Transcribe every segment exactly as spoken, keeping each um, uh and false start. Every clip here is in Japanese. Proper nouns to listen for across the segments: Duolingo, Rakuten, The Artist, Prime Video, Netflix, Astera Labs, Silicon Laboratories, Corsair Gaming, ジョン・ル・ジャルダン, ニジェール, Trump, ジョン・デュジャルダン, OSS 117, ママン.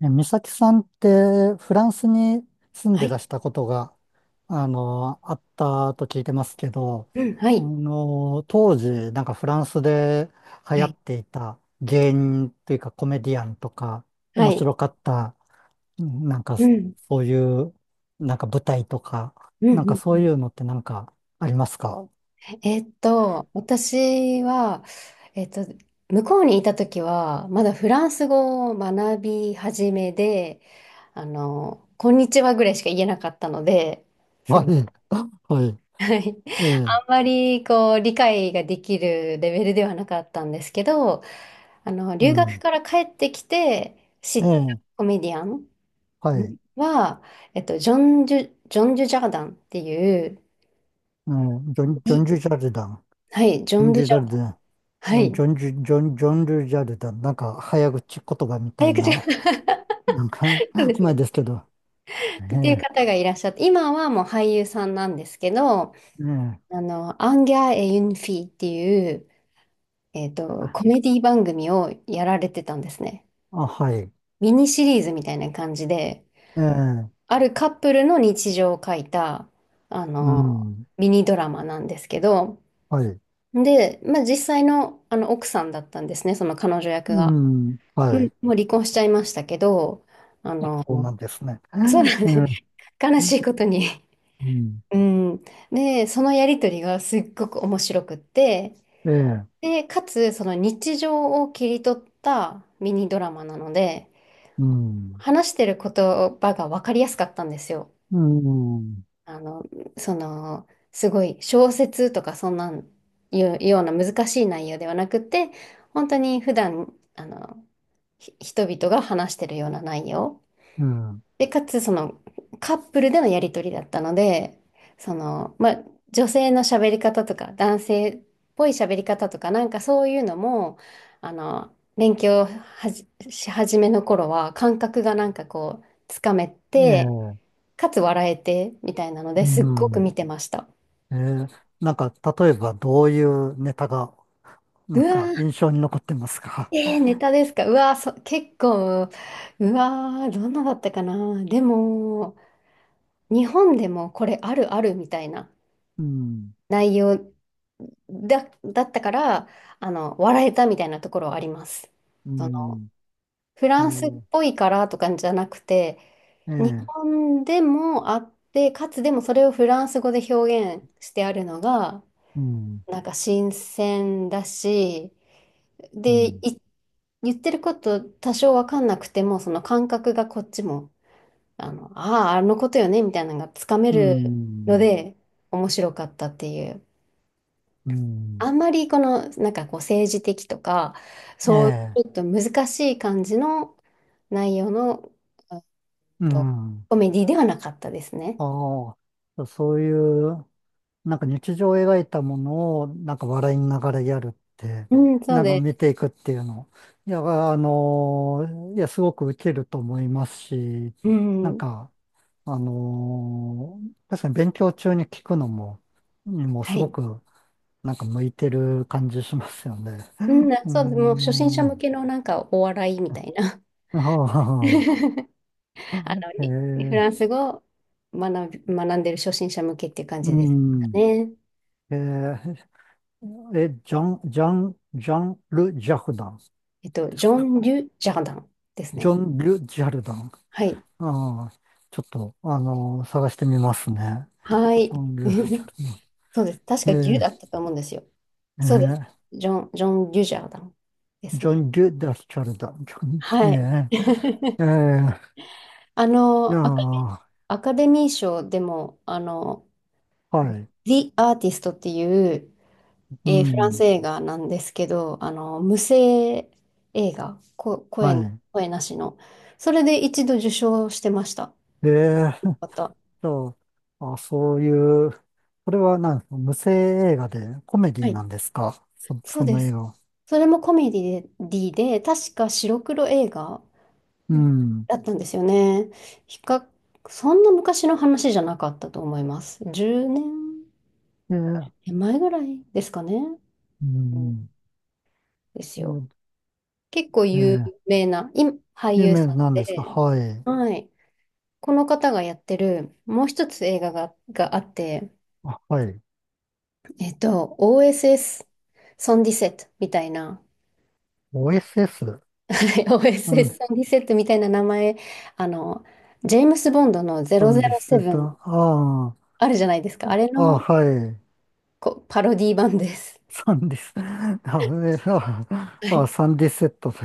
え美咲さんってフランスに住んはでい。らしたことが、あの、あったと聞いてますけど、うん、はあい。の、当時、なんかフランスで流は行っい。ていた芸人というかコメディアンとか、は面い。白かった、うんなんかうん。そういう、なんか舞台とか、うん。なんうかんうそうん。いうのってなんかありますか？ えーっと、私は、えーっと、向こうにいた時は、まだフランス語を学び始めで、あの、こんにちはぐらいしか言えなかったので。はい。はい。はい。ええ。あんまり、こう、理解ができるレベルではなかったんですけど、あの、う留学ん。から帰ってきて知えったえ。コメディアンはい。は、えっと、ジョンジュ、ジョンジュジャーダンっていう、うん。ジョン、ジョンジュジャルダン。はい、ジョジョンン・ドジゥュジジャャルン。ダン。ジはョン、ジい。ョンジュ、ジョン、ジョンルジャルだ。なんか、早口言葉みた早い口が。 な、なんか、そうです前ね。ですけど。えっていうえ、方がいらっしゃって、今はもう俳優さんなんですけど、ええ、あの、アンギャー・エ・ユンフィっていう、えっと、コあ、メディ番組をやられてたんですね。あはい。ミニシリーズみたいな感じで、ええ、あるカップルの日常を書いた、あうの、ん、ミニドラマなんですけど、はい。で、まあ、実際の、あの奥さんだったんですね、その彼女役うが。ん、うはん。い。もう離婚しちゃいましたけど、ああ、の、そうなんですね。ええ、そうなんです。う悲しいことに。ん、うん。で、そのやりとりがすっごく面白くって、ええ、で、かつ、その日常を切り取ったミニドラマなので、うん、話してる言葉が分かりやすかったんですよ。うん、あの、その、すごい小説とかそんなんいうような難しい内容ではなくて、本当に普段、あの、ひ人々が話してるような内容。うん、で、かつ、その、カップルでのやりとりだったので、その、まあ、女性の喋り方とか、男性っぽい喋り方とか、なんかそういうのも、あの、勉強はじし始めの頃は、感覚がなんかこう、つかめえて、え、かつ笑えて、みたいなのうですっごくん、見てました。ええ、なんか、例えば、どういうネタが、なうんか、わ印象に残ってますか？ ー、えー、ネタですか？うわー、そ、結構、うわー、どんなだったかな。でも、日本でもこれあるあるみたいな うん、内容だ、だったから、あの、笑えたみたいなところはあります。うその、ん、フえランスっえ、ぽいからとかじゃなくて、日ええ、本でもあって、かつでもそれをフランス語で表現してあるのが、うん、なんか新鮮だし、うで、ん、い、言ってること多少わかんなくても、その感覚がこっちも、あの、ああ、あのことよね、みたいなのがつかめうるのん、で、面白かったっていう。うん、あんまりこの、なんかこう政治的とか、えそうえ、いうちょっと難しい感じの内容の、あうと、ん。コメディではなかったですね。ああ、そういう、なんか日常を描いたものを、なんか笑いながらやるって、うん、そうなんかで見す。ていくっていうの。いや、あの、いや、すごくウケると思いますし、うなんん、か、あの、確かに勉強中に聞くのも、にもはすごい。く、なんか向いてる感じしますよね。うん、あ、うそうで、もう初心者向ん。けのなんかお笑いみたいな。ああ ああの、えにフー、ランス語を学び、学んでる初心者向けっていう感うじですかん。ね。えー、え、ジョン、ジョン、ジャン・ル・ジャルダンえっと、ですジョか？ン・リュ・ジャーダンですジョね。ン・ル・ジャルダン。はい。ああ、ちょっと、あの探してみますね。はジい。ョン・ル・ジャ ルダン。そうです。確か牛だっえたと思うんですよ。そうです。ー、えジョン、ジョン・デュジャーダンでーすジョね。ン・ル・ダ・ジャルダン。ジョン・はい。え ー、えあー、いやの、アカー、アカデミー賞でも、あの、はい。The Artist っていう、うえーフランスん、映画なんですけど、あの、無声映画、こ、声、は声なしの。それで一度受賞してました。い。えー、また。と、あ、そういう、これはなんですか？無声映画でコメデはィない。んですか？そ、そそうでの映す。画は。それもコメディで、確か白黒映画うん。だったんですよね。比較、そんな昔の話じゃなかったと思います。10年えー、前ぐらいですかね。ううんん。ですうよ。ん結構えーうん有えー名な、今、俳有優名さんなんですか？で、はい。はい。この方がやってる、もう一つ映画が、があって、あ、はい。えっと、オーエスエス ソンディセットみたいな、オーエスエス？ サン、オーエスエス ソンディセットみたいな名前、あの、ジェームス・ボンドのサンディスと、ゼロゼロセブンああるじゃないですか。ああ、れあ、のはい。こうパロディ版です。サンディス、あ、えあ、はあ、い。サンディセットで、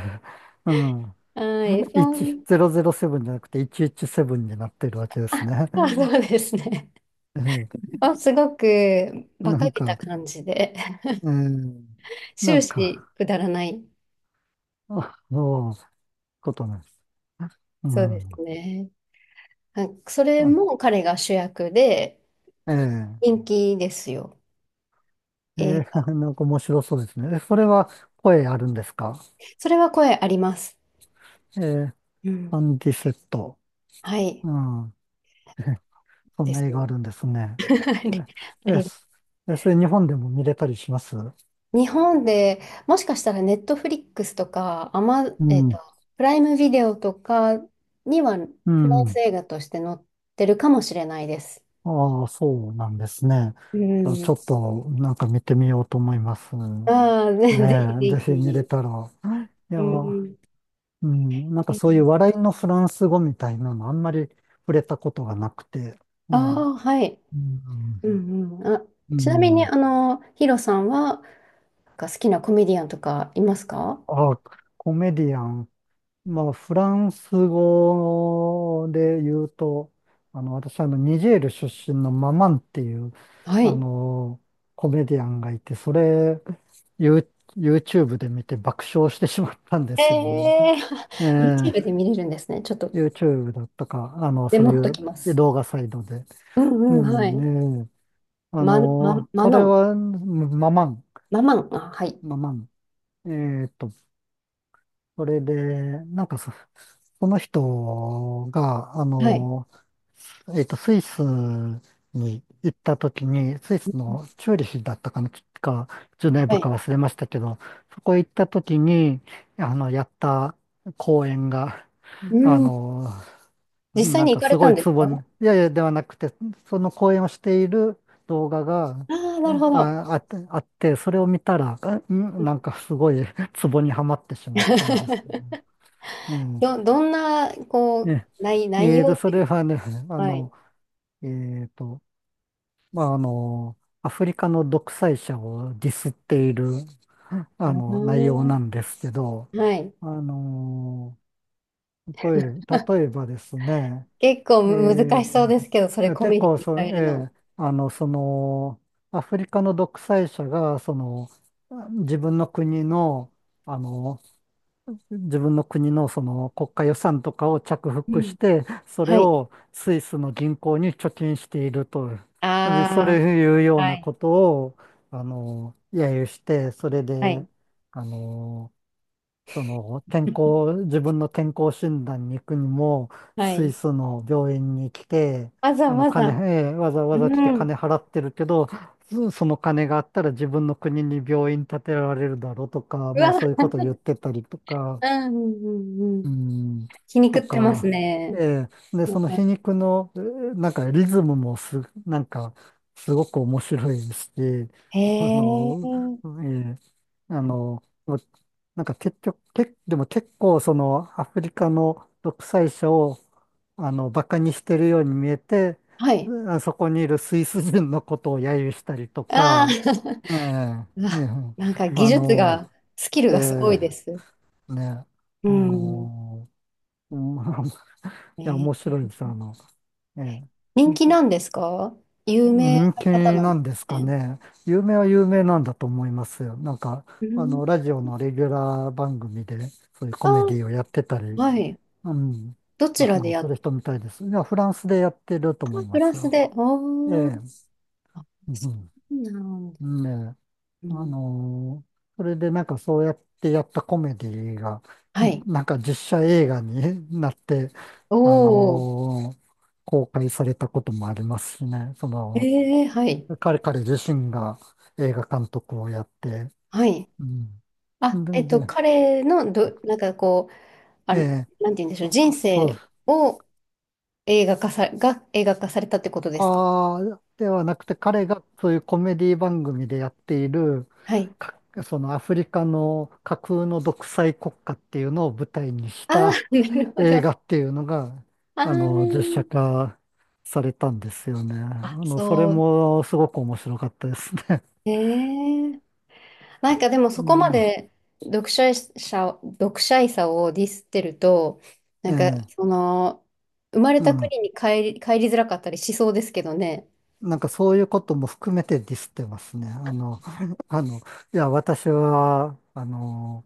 うん。はい、そん、せんななじゃなくてひゃくじゅうななになってるわけですあ、ね。そうそうですね。えー あ、すごく馬な鹿んげたか、感じで、えー な終ん始か、くだらない。あの、ことなんです。うそうですん。ね。はい、それあも彼が主役でええ人気ですよ。え映ー 画。なんか面白そうですね。えそれは声あるんですか？それは声あります。えー、うん。アンディセット。はい。うん。えそんでなす。映 画あるんですね。はい、あえ、え、りそえそれ日本でも見れたりします日本でもしかしたらネットフリックスとか、アマ、うえっと、ん。プライムビデオとかにはフうランスん。映画として載ってるかもしれないです。ああ、そうなんですね。うあちん。ょっとなんか見てみようと思います。ねああ、ぜぜひぜえ、ぜひ見れひ。たら。いうや、ん。うん、なんかそういう笑いのフランス語みたいなのあんまり触れたことがなくて。あねえ、あ、はい。ううん。んうん。あ、うちなみに、ん。あの、ヒロさんは、なんか好きなコメディアンとかいますか？あ、コメディアン。まあ、フランス語で言うと、あの、私、あの、ニジェール出身のママンっていう、はあい。の、コメディアンがいて、それ、ユー YouTube で見て爆笑してしまったんですよね。えー、え え、 YouTube で見れるんですね。ちょっと、YouTube だったか、あの、メそうモいっとうきます。動画サイトで。うんううん、はい。ん、ええ、あま、の、ま、マそれノン。は、ママン、ママン。あ、はい。ママン。えっと、それで、なんかそこの人が、あはい。の、えっと、スイスに行った時に、スイうスん。のチューリヒだったかな、か、ジュネーはブかい。忘れましたけど、そこ行った時に、あの、やった公演が、うあん。の、実際なんに行かかすれごたんいですツボか？に、いやいや、ではなくて、その公演をしている動画が、ああー、なるほど。あ、あって、あって、それを見たら、あんなんかすごいツボにはまってしまったんですけど ね。うど、どんな、こん。う、内、内えー容と、っそていれうか。はね、あはの、い。えーと、まあ、あの、アフリカの独裁者をディスっている、うあの、内容ーなんですけど、ん。はい。あの、例え、例えばですね、結構え難ーしとそうですけど、それコ結メディ構にそ、変えるえの？ーあの、その、アフリカの独裁者が、その、自分の国の、あの、自分の国のその国家予算とかを着う服しん。て、そはれい。をスイスの銀行に貯金していると。で、それあいうあ、ようはない。ことを、あの、揶揄して、それはで、い。あの、その健康、自分の健康診断に行くにも、はスイい。スの病院に来て、わざあの、わ金、ざ。えーわざわうざ来てん。う金払ってるけど、そその金があったら自分の国に病院建てられるだろうとか、まあそういわ、うことを言ってたりとか、うん、うん、うん。ううん、ん、気に食とってますか、えね。え、で、その皮肉の、えーなんかリズムもす、なんか、すごく面白いし、へあの、え。ええあの、なんか結局、け、でも結構そのアフリカの独裁者を、あの、バカにしてるように見えて、はい。あそこにいるスイス人のことを揶揄したりとああ、か、えうえ、えわ、え、なんか技あ術の、が、スキルえがすごいです。えね、うあん。のうん。 いえや、面ー白いです。あの、ええ。人気なんですか？有名人な気方なんなでんですかすね。ね。有名は有名なんだと思いますよ。なんか、うあん。の、ラジオのレギュラー番組で、そういうコメデあィをやってたり、あ、はい。うん、どちあらでの、やすっる人みたいです。いや、フランスでやってると思いプまラすスよ。で、えおー、え、あ、うそん、うなんだ。うん、ね、うあん、のーそれでなんかそうやってやったコメディが、はんい。なんか実写映画に なって、あおのー公開されたこともありますしね。そー、の、えー、はい。彼、彼自身が映画監督をやって、はい。うん。あ、えっで、と、で彼のど、なんかこう、あ、えなんてえ、言うんでしょう、人そう、生を映画化さ、が映画化されたってことですか？ああ、ではなくて彼がそういうコメディ番組でやっている、はい。かそのアフリカの架空の独裁国家っていうのを舞台にしあたー、なるほ映ど。画っていうのが、ああの、実写ー、化されたんですよね。ああ、の、それそう。もすごく面白かったですね。えーなんかでもそこまで 読者者、読者いさをディスってると、なんうん、か ええ、その、生まれうたん。国に帰り、帰りづらかったりしそうですけどね。なんかそういうことも含めてディスってますね。あの、あの、いや、私は、あの、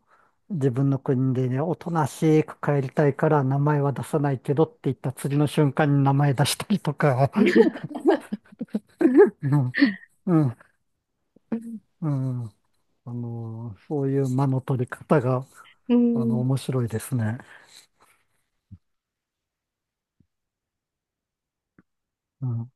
自分の国でね、おとなしく帰りたいから名前は出さないけどって言った次の瞬間に名前出したりとか、うん、うん、うん、あの、そういう間の取り方が、うあの、ん面白いですね。うん